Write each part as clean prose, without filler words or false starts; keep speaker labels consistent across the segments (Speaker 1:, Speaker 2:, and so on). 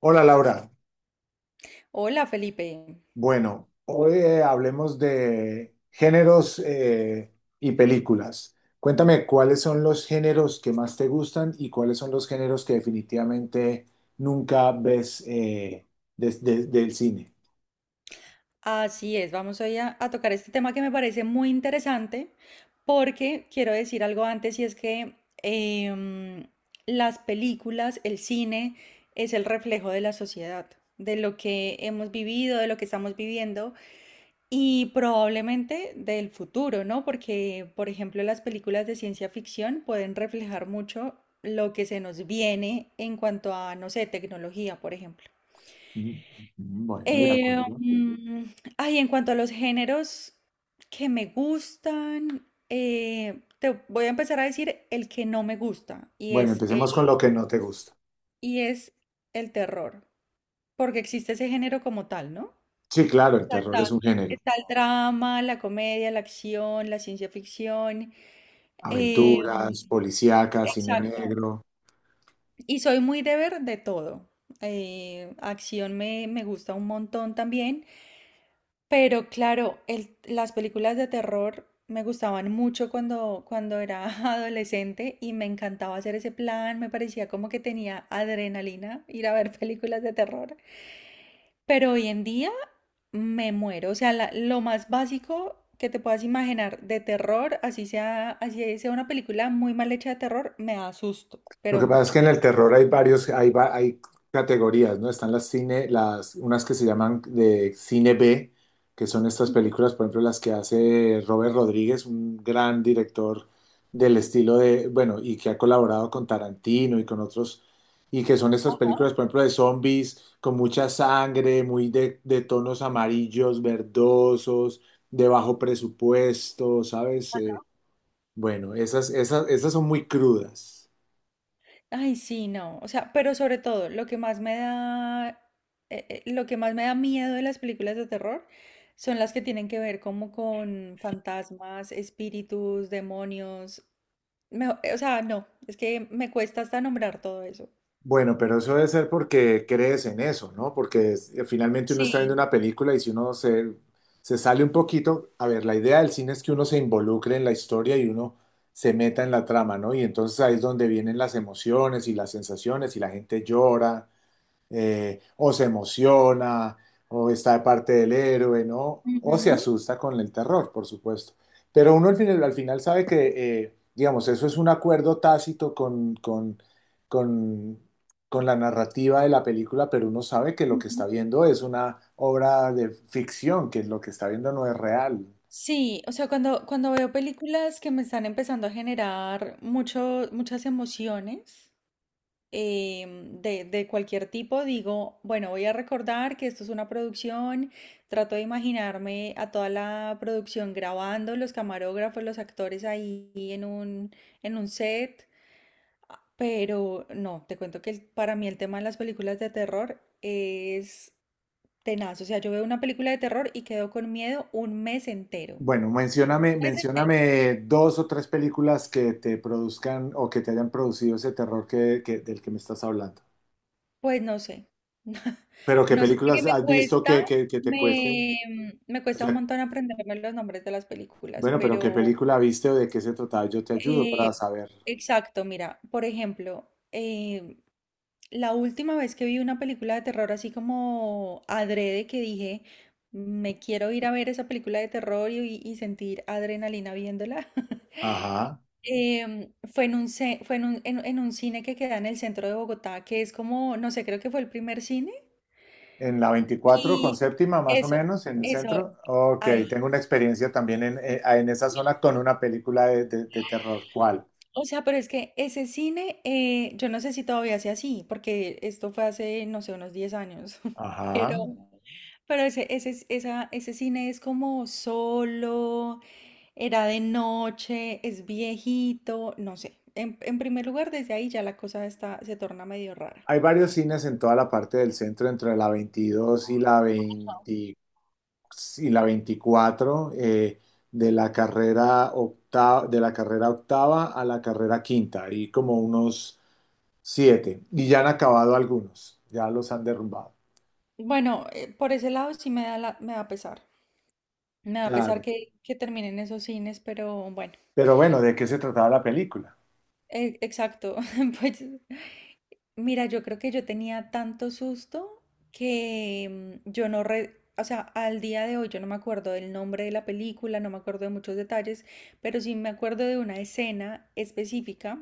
Speaker 1: Hola Laura,
Speaker 2: Hola, Felipe.
Speaker 1: bueno, hoy hablemos de géneros y películas. Cuéntame cuáles son los géneros que más te gustan y cuáles son los géneros que definitivamente nunca ves del cine.
Speaker 2: Así es, vamos hoy a tocar este tema que me parece muy interesante porque quiero decir algo antes y es que em, las películas, el cine es el reflejo de la sociedad, de lo que hemos vivido, de lo que estamos viviendo y probablemente del futuro, ¿no? Porque, por ejemplo, las películas de ciencia ficción pueden reflejar mucho lo que se nos viene en cuanto a, no sé, tecnología, por ejemplo.
Speaker 1: Mm, mm, mm, bueno, de
Speaker 2: Eh,
Speaker 1: acuerdo.
Speaker 2: mm, Ay, en cuanto a los géneros que me gustan, te voy a empezar a decir el que no me gusta y
Speaker 1: Bueno,
Speaker 2: es el,
Speaker 1: empecemos con lo que no te gusta.
Speaker 2: y es el terror, porque existe ese género como tal, ¿no?
Speaker 1: Sí, claro, el
Speaker 2: sea,
Speaker 1: terror
Speaker 2: Está,
Speaker 1: es un género.
Speaker 2: está el drama, la comedia, la acción, la ciencia ficción. eh,
Speaker 1: Aventuras, policíacas, cine
Speaker 2: exacto.
Speaker 1: negro.
Speaker 2: Y soy muy de ver de todo. Acción me gusta un montón también. Pero claro, las películas de terror me gustaban mucho cuando era adolescente y me encantaba hacer ese plan, me parecía como que tenía adrenalina ir a ver películas de terror. Pero hoy en día me muero. O sea, lo más básico que te puedas imaginar de terror, así sea una película muy mal hecha de terror, me asusto,
Speaker 1: Lo
Speaker 2: pero
Speaker 1: que pasa es
Speaker 2: mucho.
Speaker 1: que en el terror hay varios, hay categorías, ¿no? Están las cine, las, unas que se llaman de cine B, que son estas
Speaker 2: Ujú.
Speaker 1: películas, por ejemplo, las que hace Robert Rodríguez, un gran director del estilo de, bueno, y que ha colaborado con Tarantino y con otros, y que son estas
Speaker 2: Ajá,
Speaker 1: películas, por ejemplo, de zombies, con mucha sangre, muy de tonos amarillos, verdosos, de bajo presupuesto, ¿sabes?
Speaker 2: ajá.
Speaker 1: Bueno, esas son muy crudas.
Speaker 2: Ay, sí, no. O sea, pero sobre todo, lo que más me da miedo de las películas de terror son las que tienen que ver como con fantasmas, espíritus, demonios. O sea, no, es que me cuesta hasta nombrar todo eso.
Speaker 1: Bueno, pero eso debe ser porque crees en eso, ¿no? Porque finalmente uno está viendo
Speaker 2: Sí.
Speaker 1: una película y si uno se, se sale un poquito, a ver, la idea del cine es que uno se involucre en la historia y uno se meta en la trama, ¿no? Y entonces ahí es donde vienen las emociones y las sensaciones y la gente llora o se emociona, o está de parte del héroe, ¿no? O se
Speaker 2: Ujú,
Speaker 1: asusta con el terror, por supuesto. Pero uno al final sabe que, digamos, eso es un acuerdo tácito con, con la narrativa de la película, pero uno sabe que lo que está
Speaker 2: ujú.
Speaker 1: viendo es una obra de ficción, que lo que está viendo no es real.
Speaker 2: Sí, o sea, cuando veo películas que me están empezando a generar muchas emociones. De cualquier tipo, digo, bueno, voy a recordar que esto es una producción, trato de imaginarme a toda la producción grabando, los camarógrafos, los actores ahí en un set, pero no, te cuento que para mí el tema de las películas de terror es tenaz. O sea, yo veo una película de terror y quedo con miedo un mes entero. Un
Speaker 1: Bueno, mencióname,
Speaker 2: mes entero.
Speaker 1: mencióname dos o tres películas que te produzcan o que te hayan producido ese terror del que me estás hablando.
Speaker 2: Pues no sé.
Speaker 1: Pero ¿qué
Speaker 2: No sé porque
Speaker 1: películas
Speaker 2: me
Speaker 1: has visto
Speaker 2: cuesta,
Speaker 1: que te cuesten?
Speaker 2: me
Speaker 1: O
Speaker 2: cuesta un
Speaker 1: sea,
Speaker 2: montón aprenderme los nombres de las películas.
Speaker 1: bueno, pero ¿qué
Speaker 2: Pero
Speaker 1: película viste o de qué se trataba? Yo te ayudo para
Speaker 2: eh,
Speaker 1: saber.
Speaker 2: exacto, mira, por ejemplo, la última vez que vi una película de terror así como adrede que dije, me quiero ir a ver esa película de terror y sentir adrenalina viéndola.
Speaker 1: Ajá.
Speaker 2: Fue en un, ce- fue en un, en un cine que queda en el centro de Bogotá, que es como, no sé, creo que fue el primer cine.
Speaker 1: En la 24 con
Speaker 2: Y
Speaker 1: 7ª, más o
Speaker 2: eso,
Speaker 1: menos, en el
Speaker 2: eso,
Speaker 1: centro. Ok, tengo
Speaker 2: ahí.
Speaker 1: una experiencia también en esa zona con una película de, de terror. ¿Cuál?
Speaker 2: O sea, pero es que ese cine, yo no sé si todavía sea así, porque esto fue hace, no sé, unos 10 años. pero,
Speaker 1: Ajá.
Speaker 2: pero ese cine es como solo, era de noche, es viejito, no sé. En primer lugar, desde ahí ya la cosa está, se torna medio rara.
Speaker 1: Hay varios cines en toda la parte del centro, entre la 22 y la 24 de la carrera 8ª, de la carrera octava a la carrera 5ª, ahí como unos siete. Y ya han acabado algunos, ya los han derrumbado.
Speaker 2: Bueno, por ese lado sí me da, me da pesar. Me da pesar
Speaker 1: Claro.
Speaker 2: que terminen esos cines. Pero bueno,
Speaker 1: Pero bueno, ¿de qué se trataba la película?
Speaker 2: exacto. Pues mira, yo creo que yo tenía tanto susto que yo no re- o sea, al día de hoy yo no me acuerdo del nombre de la película, no me acuerdo de muchos detalles, pero sí me acuerdo de una escena específica.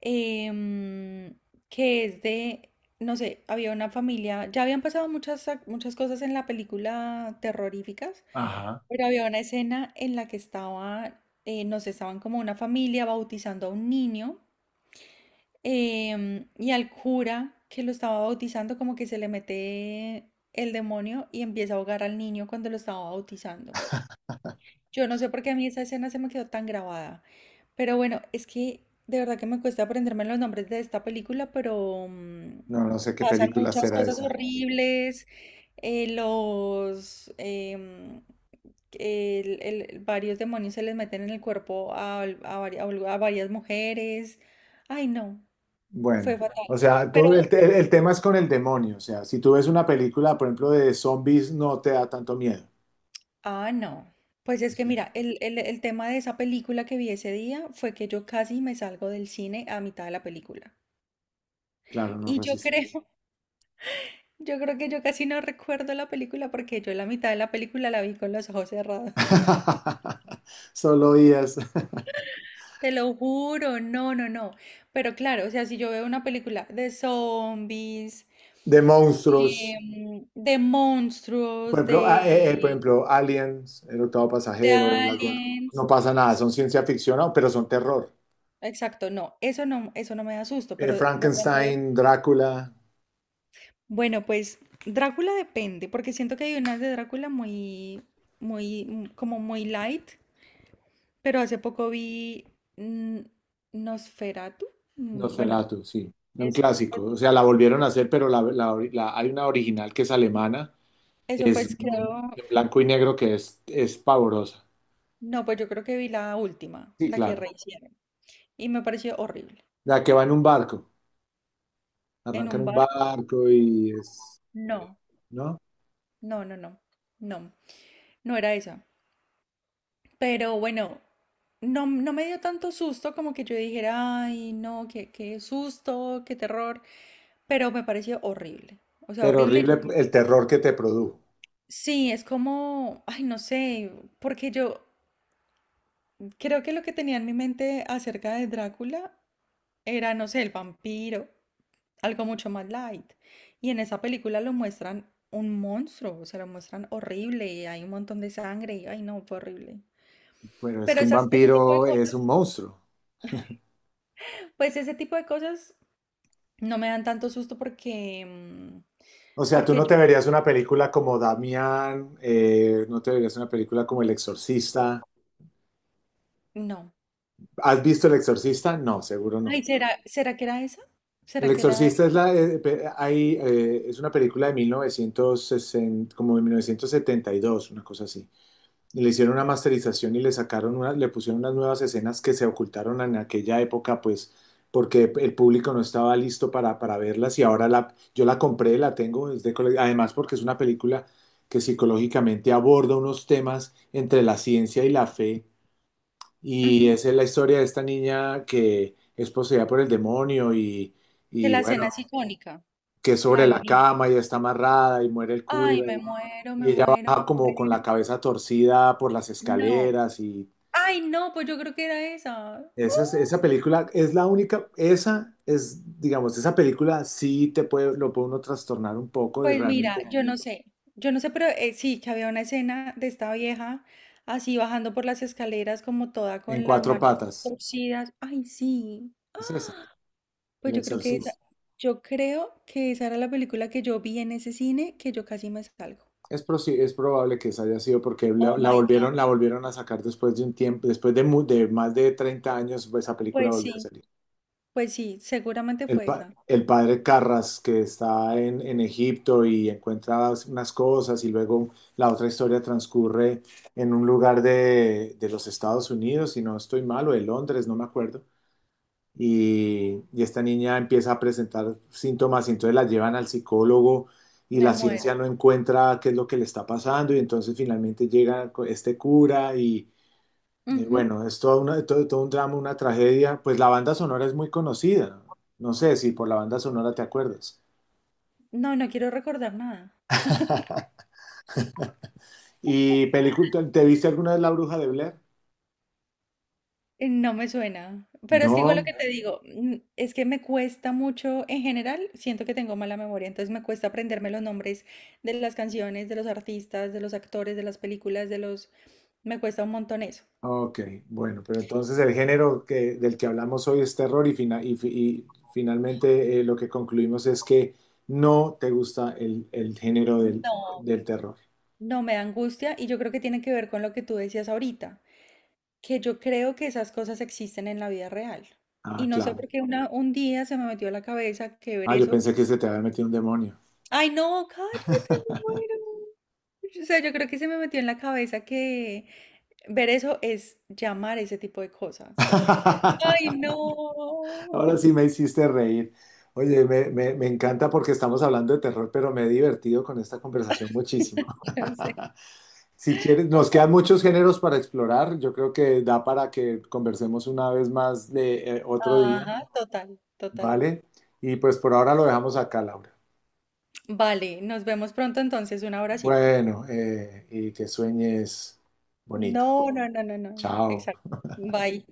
Speaker 2: em, que es de, no sé, había una familia, ya habían pasado muchas cosas en la película terroríficas,
Speaker 1: Ajá.
Speaker 2: pero había una escena en la que estaba, no sé, estaban como una familia bautizando a un niño. Y al cura que lo estaba bautizando, como que se le mete el demonio y empieza a ahogar al niño cuando lo estaba bautizando. Yo no sé por qué a mí esa escena se me quedó tan grabada. Pero bueno, es que de verdad que me cuesta aprenderme los nombres de esta película, pero
Speaker 1: No, no sé qué
Speaker 2: pasan
Speaker 1: película
Speaker 2: muchas
Speaker 1: será
Speaker 2: cosas
Speaker 1: esa.
Speaker 2: horribles. Los em, el- varios demonios se les meten en el cuerpo vari- a varias mujeres. Ay, no. Fue
Speaker 1: Bueno, o
Speaker 2: fatal.
Speaker 1: sea,
Speaker 2: Pero,
Speaker 1: el tema es con el demonio. O sea, si tú ves una película, por ejemplo, de zombies, no te da tanto miedo.
Speaker 2: ah, no. Pues es que
Speaker 1: O
Speaker 2: mira, el tema de esa película que vi ese día fue que yo casi me salgo del cine a mitad de la película.
Speaker 1: claro, no
Speaker 2: Y yo
Speaker 1: resistes.
Speaker 2: creo, yo creo que yo casi no recuerdo la película porque yo la mitad de la película la vi con los ojos cerrados.
Speaker 1: Solo días.
Speaker 2: Te lo juro, no, no, no. Pero claro, o sea, si yo veo una película de zombies,
Speaker 1: De monstruos.
Speaker 2: de
Speaker 1: Por
Speaker 2: monstruos,
Speaker 1: ejemplo, por
Speaker 2: de,
Speaker 1: ejemplo, Aliens, El octavo
Speaker 2: de
Speaker 1: pasajero, no
Speaker 2: aliens.
Speaker 1: pasa nada, son ciencia ficción, no, pero son terror.
Speaker 2: Exacto, no, eso no me da susto, pero de pronto,
Speaker 1: Frankenstein, Drácula,
Speaker 2: bueno, pues Drácula depende, porque siento que hay unas de Drácula muy, muy, como muy light, pero hace poco vi mm, Nosferatu. Bueno,
Speaker 1: Nosferatu, sí, un
Speaker 2: eso, pues,
Speaker 1: clásico. O sea, la volvieron a hacer, pero la, hay una original que es alemana,
Speaker 2: eso
Speaker 1: es
Speaker 2: pues creo,
Speaker 1: en blanco y negro que es pavorosa.
Speaker 2: no, pues yo creo que vi la última,
Speaker 1: Sí,
Speaker 2: la que
Speaker 1: claro.
Speaker 2: rehicieron, y me pareció horrible.
Speaker 1: La que va en un barco,
Speaker 2: ¿En
Speaker 1: arranca en
Speaker 2: un
Speaker 1: un
Speaker 2: barco?
Speaker 1: barco y es,
Speaker 2: No,
Speaker 1: ¿no?
Speaker 2: no, no, no, no, no era esa. Pero bueno, no, no me dio tanto susto como que yo dijera, ay, no, qué, qué susto, qué terror, pero me pareció horrible. O sea,
Speaker 1: Pero
Speaker 2: horrible. Yo-
Speaker 1: horrible
Speaker 2: no
Speaker 1: el terror que te produjo.
Speaker 2: Sí, es como, ay, no sé, porque yo creo que lo que tenía en mi mente acerca de Drácula era, no sé, el vampiro, algo mucho más light. Y en esa película lo muestran un monstruo, o sea, lo muestran horrible y hay un montón de sangre y, ay, no, fue horrible.
Speaker 1: Bueno, es
Speaker 2: Pero
Speaker 1: que un
Speaker 2: ese tipo de
Speaker 1: vampiro es un
Speaker 2: cosas,
Speaker 1: monstruo.
Speaker 2: pues ese tipo de cosas no me dan tanto susto porque,
Speaker 1: O sea, tú
Speaker 2: porque
Speaker 1: no
Speaker 2: yo
Speaker 1: te verías una película como Damián, no te verías una película como El Exorcista.
Speaker 2: no.
Speaker 1: ¿Has visto El Exorcista? No, seguro
Speaker 2: Ay,
Speaker 1: no.
Speaker 2: ¿será, será que era esa?
Speaker 1: El
Speaker 2: ¿Será que era
Speaker 1: Exorcista es,
Speaker 2: esa?
Speaker 1: es una película de 1960, como de 1972, una cosa así. Le hicieron una masterización y le sacaron unas, le pusieron unas nuevas escenas que se ocultaron en aquella época, pues, porque el público no estaba listo para verlas y ahora la, yo la compré, la tengo desde además porque es una película que psicológicamente aborda unos temas entre la ciencia y la fe y
Speaker 2: Ujú.
Speaker 1: esa es la historia de esta niña que es poseída por el demonio
Speaker 2: Que
Speaker 1: y
Speaker 2: la escena
Speaker 1: bueno,
Speaker 2: es icónica,
Speaker 1: que es
Speaker 2: la
Speaker 1: sobre
Speaker 2: de la
Speaker 1: la
Speaker 2: niña.
Speaker 1: cama y está amarrada y muere el
Speaker 2: Ay,
Speaker 1: cura
Speaker 2: me muero, me
Speaker 1: y ella
Speaker 2: muero, me
Speaker 1: baja como con
Speaker 2: muero.
Speaker 1: la cabeza torcida por las
Speaker 2: No.
Speaker 1: escaleras y
Speaker 2: Ay, no, pues yo creo que era esa.
Speaker 1: esa, esa película es la única, esa es, digamos, esa película sí te puede, lo puede uno trastornar un poco de
Speaker 2: Pues mira,
Speaker 1: realmente
Speaker 2: yo no sé, pero sí, que había una escena de esta vieja así bajando por las escaleras como toda
Speaker 1: en
Speaker 2: con las
Speaker 1: cuatro
Speaker 2: manos
Speaker 1: patas.
Speaker 2: torcidas. Ay, sí.
Speaker 1: Es esa,
Speaker 2: Pues
Speaker 1: El Exorcista.
Speaker 2: yo creo que esa era la película que yo vi en ese cine que yo casi me salgo.
Speaker 1: Es, es probable que esa haya sido porque la,
Speaker 2: Oh my God.
Speaker 1: la volvieron a sacar después de un tiempo, después de, de más de 30 años, pues, esa película
Speaker 2: Pues
Speaker 1: volvió a
Speaker 2: sí,
Speaker 1: salir.
Speaker 2: pues sí, seguramente fue esa.
Speaker 1: El padre Carras que está en Egipto y encuentra unas cosas y luego la otra historia transcurre en un lugar de los Estados Unidos, si no estoy mal, o de Londres, no me acuerdo. Y esta niña empieza a presentar síntomas y entonces la llevan al psicólogo y
Speaker 2: Me
Speaker 1: la
Speaker 2: muero.
Speaker 1: ciencia no encuentra qué es lo que le está pasando y entonces finalmente llega este cura y
Speaker 2: Ujú.
Speaker 1: bueno, es todo, una, todo, todo un drama, una tragedia. Pues la banda sonora es muy conocida. No sé si por la banda sonora te acuerdas.
Speaker 2: No, no quiero recordar nada.
Speaker 1: ¿Y película, te viste alguna vez La Bruja de Blair?
Speaker 2: No me suena. Pero es que igual lo
Speaker 1: No.
Speaker 2: que te digo, es que me cuesta mucho, en general, siento que tengo mala memoria, entonces me cuesta aprenderme los nombres de las canciones, de los artistas, de los actores, de las películas, de los... Me cuesta un montón eso.
Speaker 1: Ok, bueno, pero entonces el género que, del que hablamos hoy es terror y, y finalmente lo que concluimos es que no te gusta el género del,
Speaker 2: No.
Speaker 1: del terror.
Speaker 2: No, me da angustia y yo creo que tiene que ver con lo que tú decías ahorita, que yo creo que esas cosas existen en la vida real.
Speaker 1: Ah,
Speaker 2: Y no sé
Speaker 1: claro.
Speaker 2: por qué un día se me metió a la cabeza que ver
Speaker 1: Ah, yo
Speaker 2: eso.
Speaker 1: pensé que se te había metido un demonio.
Speaker 2: Ay, no, cállate, me muero. O sea, yo creo que se me metió en la cabeza que ver eso es llamar ese tipo de cosas. Ay, no.
Speaker 1: Ahora sí me hiciste reír. Oye, me encanta porque estamos hablando de terror, pero me he divertido con esta conversación muchísimo.
Speaker 2: Yo sé.
Speaker 1: Si quieres, nos
Speaker 2: Total.
Speaker 1: quedan muchos géneros para explorar. Yo creo que da para que conversemos una vez más de otro día,
Speaker 2: Ajá, total, total.
Speaker 1: ¿vale? Y pues por ahora lo dejamos acá, Laura.
Speaker 2: Vale, nos vemos pronto entonces. Un abracito.
Speaker 1: Bueno, y que sueñes bonito.
Speaker 2: No, no, no, no, no.
Speaker 1: Chao.
Speaker 2: Exacto. Bye.